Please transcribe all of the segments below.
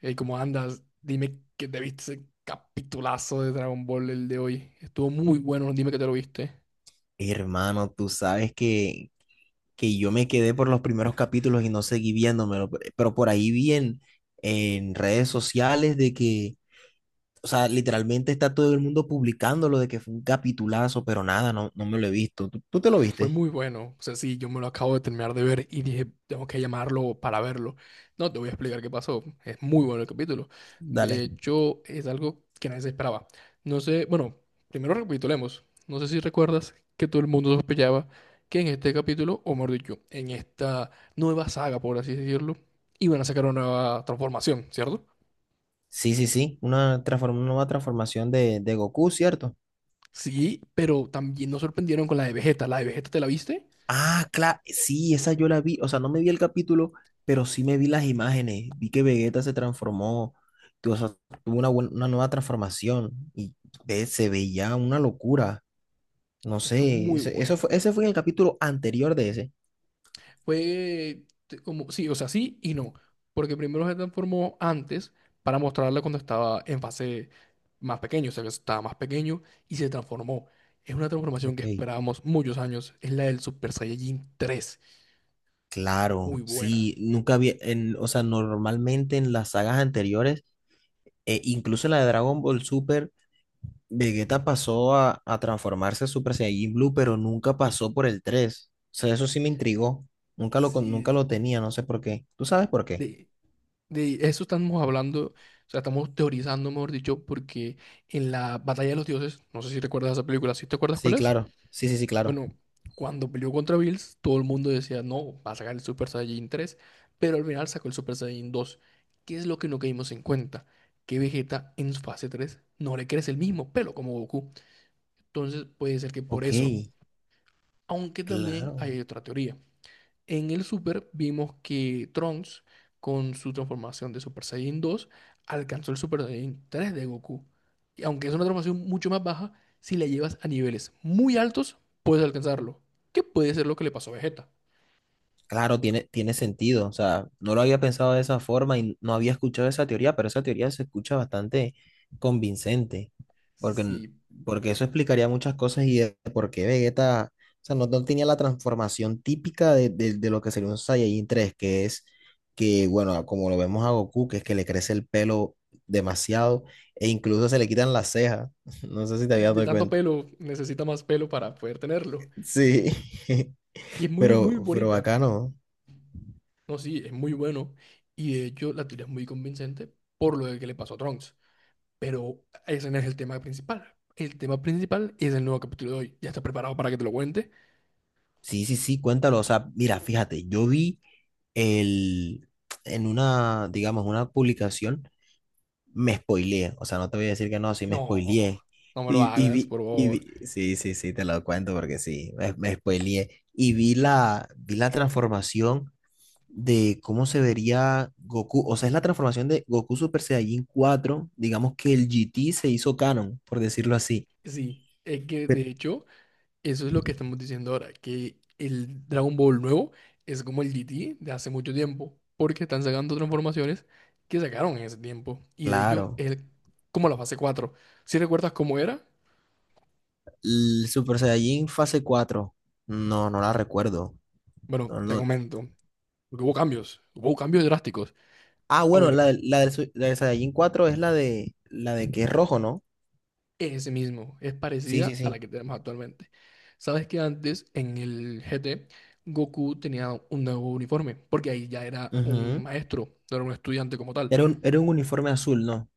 Hey, ¿cómo andas? Dime que te viste ese capitulazo de Dragon Ball el de hoy. Estuvo muy bueno, dime que te lo viste. Hermano, tú sabes que yo me quedé por los primeros capítulos y no seguí viéndomelo, pero por ahí vi en redes sociales de que, o sea, literalmente está todo el mundo publicándolo de que fue un capitulazo, pero nada, no, no me lo he visto. Tú te lo Fue viste? muy bueno. O sea, sí, yo me lo acabo de terminar de ver y dije, tengo que llamarlo para verlo. No, te voy a explicar qué pasó. Es muy bueno el capítulo. De Dale. hecho, es algo que nadie se esperaba. No sé, bueno, primero recapitulemos. No sé si recuerdas que todo el mundo sospechaba que en este capítulo, o mejor dicho, en esta nueva saga, por así decirlo, iban a sacar una nueva transformación, ¿cierto? Sí, sí, sí, una nueva transformación de Goku, ¿cierto? Sí, pero también nos sorprendieron con la de Vegeta. La de Vegeta, ¿te la viste? Ah, claro, sí, esa yo la vi, o sea, no me vi el capítulo, pero sí me vi las imágenes, vi que Vegeta se transformó, o sea, tuvo una nueva transformación y se veía una locura, no Estuvo sé, muy buena. Ese fue en el capítulo anterior de ese. Fue como, sí, o sea, sí y no. Porque primero se transformó antes para mostrarla cuando estaba en fase más pequeño, o sea, que estaba más pequeño y se transformó. Es una transformación que Ok. esperábamos muchos años. Es la del Super Saiyajin tres. Claro, Muy buena. sí, nunca vi, o sea, normalmente en las sagas anteriores, incluso en la de Dragon Ball Super, Vegeta pasó a transformarse a Super Saiyajin Blue, pero nunca pasó por el tres. O sea, eso sí me intrigó. Nunca lo, con- nunca Sí, lo tenía, no sé por qué. ¿Tú sabes por qué? de, de eso estamos hablando, o sea, estamos teorizando, mejor dicho, porque en la Batalla de los Dioses, no sé si recuerdas esa película, ¿sí te acuerdas Sí, cuál es? claro. Sí, sí, sí, claro. Bueno, cuando peleó contra Bills, todo el mundo decía, no, va a sacar el Super Saiyajin tres, pero al final sacó el Super Saiyajin dos. ¿Qué es lo que no caímos en cuenta? Que Vegeta en su fase 3 no le crece el mismo pelo como Goku. Entonces puede ser que por Ok, eso. Aunque también claro. hay otra teoría. En el Super vimos que Trunks, con su transformación de Super Saiyan 2, alcanzó el Super Saiyan 3 de Goku. Y aunque es una transformación mucho más baja, si la llevas a niveles muy altos, puedes alcanzarlo. Que puede ser lo que le pasó a Vegeta. Claro, tiene sentido. O sea, no lo había pensado de esa forma y no había escuchado esa teoría, pero esa teoría se escucha bastante convincente, porque, Si, porque eso explicaría muchas cosas y de por qué Vegeta, o sea, no, no tenía la transformación típica de lo que sería un Saiyajin 3, que es que, bueno, como lo vemos a Goku, que es que le crece el pelo demasiado e incluso se le quitan las cejas. No sé si te si habías de dado tanto cuenta. pelo necesita más pelo para poder tenerlo. Sí, Y es muy, muy pero bonita. bacano. No, sí, es muy bueno. Y de hecho, la teoría es muy convincente por lo de que le pasó a Trunks. Pero ese no es el tema principal. El tema principal es el nuevo capítulo de hoy. ¿Ya estás preparado para que te lo cuente? Sí, sí, sí, cuéntalo. O sea, mira, fíjate, yo vi el, en una, digamos, una publicación, me spoileé. O sea, no te voy a decir que no, sí me No, spoileé. no me lo hagas, por favor. Sí, sí, sí, te lo cuento porque sí, me spoileé. Y vi vi la transformación de cómo se vería Goku. O sea, es la transformación de Goku Super Saiyajin cuatro. Digamos que el GT se hizo canon, por decirlo así. Sí, es que de Pe- hecho, eso es lo que estamos diciendo ahora, que el Dragon Ball nuevo es como el GT de hace mucho tiempo, porque están sacando transformaciones que sacaron en ese tiempo. Y de Claro. Como la fase cuatro. ¿Si recuerdas cómo era? El Super Saiyajin fase cuatro. No, no la recuerdo. Bueno, No, te no. comento, porque hubo cambios drásticos. Ah, A bueno, ver, la del Saiyajin 4 es la de que es rojo, ¿no? es ese mismo, es Sí, sí, parecida a la sí. que tenemos actualmente. Sabes que antes en el GT Goku tenía un nuevo uniforme, porque ahí ya era un Ujú. maestro, no era un estudiante como tal. Era un uniforme azul, ¿no?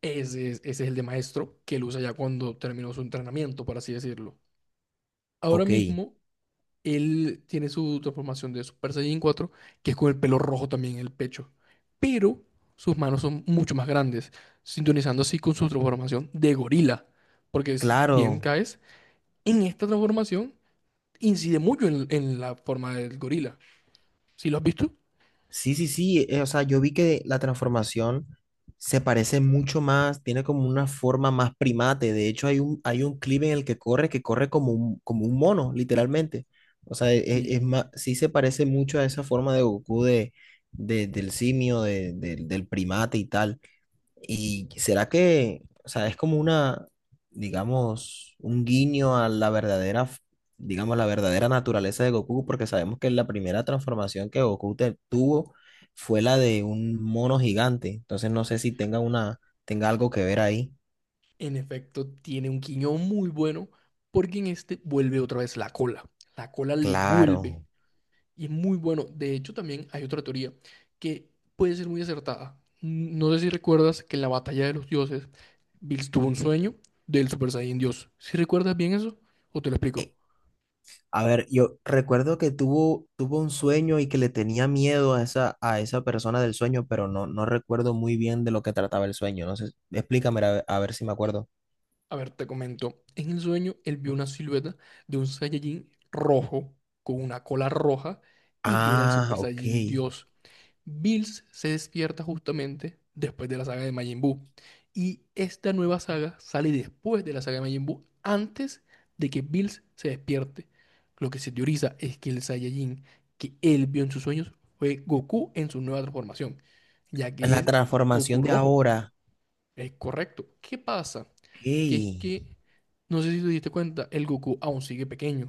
Ese es el de maestro que él usa ya cuando terminó su entrenamiento, por así decirlo. Ahora Ok, mismo él tiene su transformación de Super Saiyan cuatro que es con el pelo rojo también en el pecho, pero sus manos son mucho más grandes, sintonizando así con su transformación de gorila, porque si bien claro. caes en esta transformación incide mucho en la forma del gorila. ¿Sí lo has visto? Sí, sí, sí, o sea, yo vi que la transformación se parece mucho más, tiene como una forma más primate. De hecho, hay un clip en el que corre como un mono, literalmente. O sea, es, Sí, más, sí se parece mucho a esa forma de Goku del simio, del primate y tal. ¿Y será que, o sea, es como una, digamos, un guiño a la verdadera, digamos, la verdadera naturaleza de Goku? Porque sabemos que la primera transformación que Goku tuvo fue la de un mono gigante. Entonces no sé si tenga una, tenga algo que ver ahí. en efecto, tiene un quiñón muy bueno porque en este vuelve otra vez la cola. La cola le vuelve Claro. y es muy bueno. De hecho, también hay otra teoría que puede ser muy acertada. No sé si recuerdas que en la batalla de los dioses, Bills tuvo un sueño del Super Saiyan Dios. ¿Si recuerdas bien eso? ¿O te lo explico? Eh, A ver, yo recuerdo que tuvo un sueño y que le tenía miedo a esa persona del sueño, pero no, no recuerdo muy bien de lo que trataba el sueño. No sé, explícame a ver si me acuerdo. A ver, te comento. En el sueño, él vio una silueta de un Saiyajin rojo con una cola roja y que era el Ah, Super ok. Saiyajin Dios. Bills se despierta justamente después de la saga de Majin Buu. Y esta nueva saga sale después de la saga de Majin Buu, antes de que Bills se despierte. Lo que se teoriza es que el Saiyajin que él vio en sus sueños fue Goku en su nueva transformación, ya que La es Goku transformación de rojo. ahora. Es correcto. ¿Qué pasa? Ok. Que es que, no sé si te diste cuenta, el Goku aún sigue pequeño.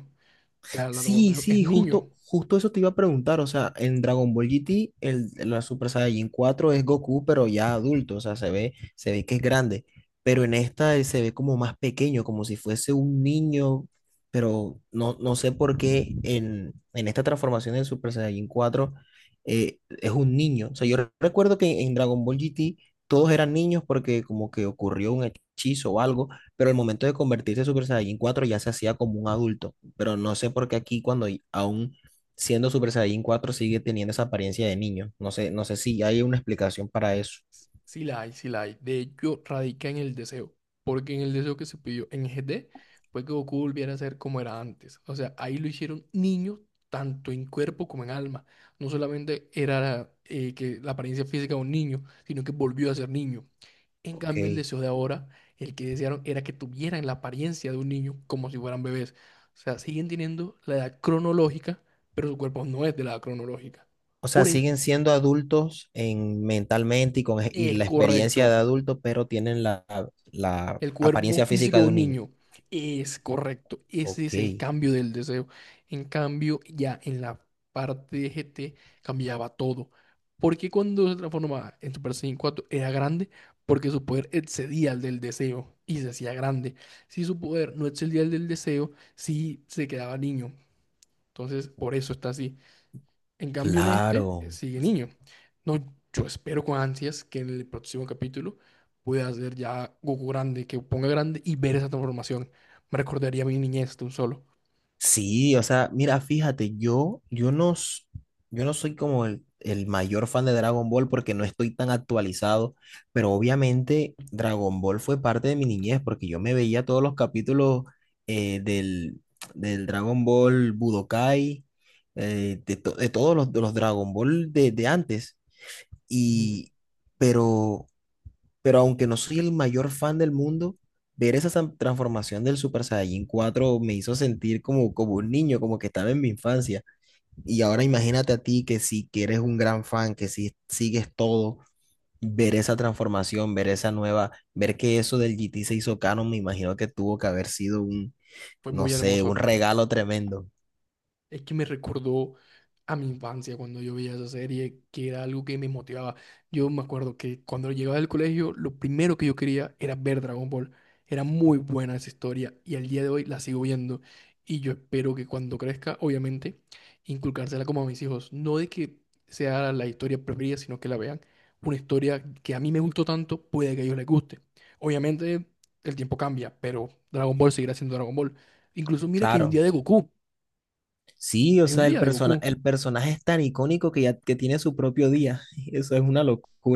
O sea, la Sí, transformación es sí, niño. justo, justo eso te iba a preguntar. O sea, en Dragon Ball GT, la Super Saiyajin 4 es Goku, pero ya adulto. O sea, se ve que es grande. Pero en esta él se ve como más pequeño, como si fuese un niño. Pero no, no sé por qué en esta transformación del Super Saiyajin 4 es un niño. O sea, yo recuerdo que en Dragon Ball GT todos eran niños porque como que ocurrió un hechizo o algo, pero el momento de convertirse en Super Saiyajin 4 ya se hacía como un adulto, pero no sé por qué aquí cuando aún siendo Super Saiyajin cuatro sigue teniendo esa apariencia de niño. No sé, no sé si hay una explicación para eso. Sí la hay, sí la hay. De hecho, radica en el deseo. Porque en el deseo que se pidió en G GT fue que Goku volviera a ser como era antes. O sea, ahí lo hicieron niño tanto en cuerpo como en alma. No solamente era que la apariencia física de un niño, sino que volvió a ser niño. En Ok. cambio, el deseo de ahora, el que desearon era que tuvieran la apariencia de un niño como si fueran bebés. O sea, siguen teniendo la edad cronológica, pero su cuerpo no es de la edad cronológica. O sea, Por siguen eso siendo adultos en mentalmente y con y es la experiencia de correcto. adulto, pero tienen la El cuerpo apariencia físico física de de un un niño. niño es correcto. Ese Ok, es el cambio del deseo. En cambio, ya en la parte de GT cambiaba todo. Porque cuando se transformaba en Super Saiyan 4 era grande porque su poder excedía al del deseo y se hacía grande. Si su poder no excedía al del deseo, sí se quedaba niño. Entonces, por eso está así. En cambio, en este claro. sigue niño. No, yo espero con ansias que en el próximo capítulo pueda ser ya Goku grande, que ponga grande y ver esa transformación. Me recordaría a mi niñez de un solo. Sí, o sea, mira, fíjate, yo no, yo no soy como el mayor fan de Dragon Ball porque no estoy tan actualizado, pero obviamente Dragon Ball fue parte de mi niñez porque yo me veía todos los capítulos eh, del, del Dragon Ball Budokai, de todos de los Dragon Ball de antes, Ujú. y, pero pero aunque no soy el mayor fan del mundo, ver esa transformación del Super Saiyajin cuatro me hizo sentir como un niño, como que estaba en mi infancia. Y ahora imagínate a ti que si que eres un gran fan, que si sigues todo, ver esa transformación, ver esa nueva, ver que eso del GT se hizo canon, me imagino que tuvo que haber sido un, Fue no muy sé, un hermoso. regalo tremendo. Es que me recordó a mi infancia cuando yo veía esa serie, que era algo que me motivaba. Yo me acuerdo que cuando llegaba del colegio, lo primero que yo quería era ver Dragon Ball. Era muy buena esa historia y al día de hoy la sigo viendo. Y yo espero que cuando crezca, obviamente, inculcársela como a mis hijos. No de que sea la historia preferida, sino que la vean. Una historia que a mí me gustó tanto, puede que a ellos les guste. Obviamente, el tiempo cambia, pero Dragon Ball seguirá siendo Dragon Ball. Incluso mira que hay un Claro. día de Goku. Sí, o Hay un sea, día de Goku. el personaje es tan icónico que ya que tiene su propio día. Eso es una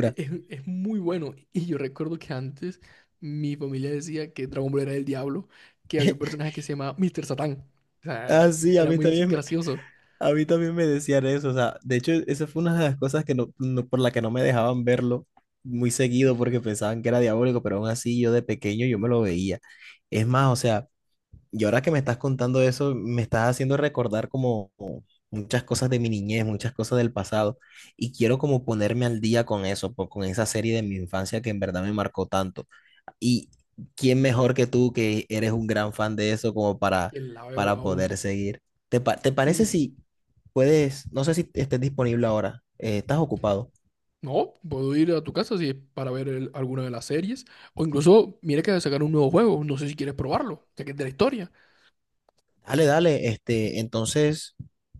Es muy bueno. Y yo recuerdo que antes mi familia decía que Dragon Ball era el diablo, que había un personaje que se llamaba Mr. Satán. O sea, Ah, sí, a era mí muy también. gracioso. A mí también me decían eso, o sea, de hecho, esa fue una de las cosas que por la que no me dejaban verlo muy seguido porque No, pensaban que era diabólico, pero aún así yo de pequeño yo me lo veía. Es más, o sea, y ahora que me estás contando eso, me estás haciendo recordar como muchas cosas de mi niñez, muchas cosas del pasado, y quiero como ponerme al día con eso, con esa serie de mi infancia que en verdad me marcó tanto. Y quién mejor que tú, que eres un gran fan de eso, como que la veo para poder aún. seguir. Te parece Sí. si puedes, no sé si estés disponible ahora, estás ocupado? No, puedo ir a tu casa si es para ver alguna de las series. O incluso, mira que sacar un nuevo juego. No sé si quieres probarlo, ya que es de la historia. Dale, dale, este, entonces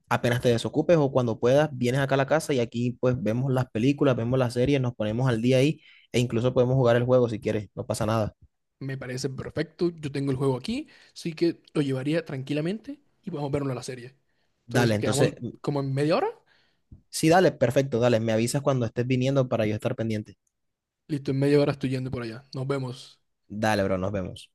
apenas te desocupes o cuando puedas, vienes acá a la casa y aquí pues vemos las películas, vemos las series, nos ponemos al día ahí e incluso podemos jugar el juego si quieres, no pasa nada. Me parece perfecto. Yo tengo el juego aquí. Así que lo llevaría tranquilamente y podemos verlo en la serie. Entonces, Dale, quedamos entonces, como en media hora. sí, dale, perfecto, dale, me avisas cuando estés viniendo para yo estar pendiente. Listo, en media hora estoy yendo por allá. Nos vemos. Dale, bro, nos vemos.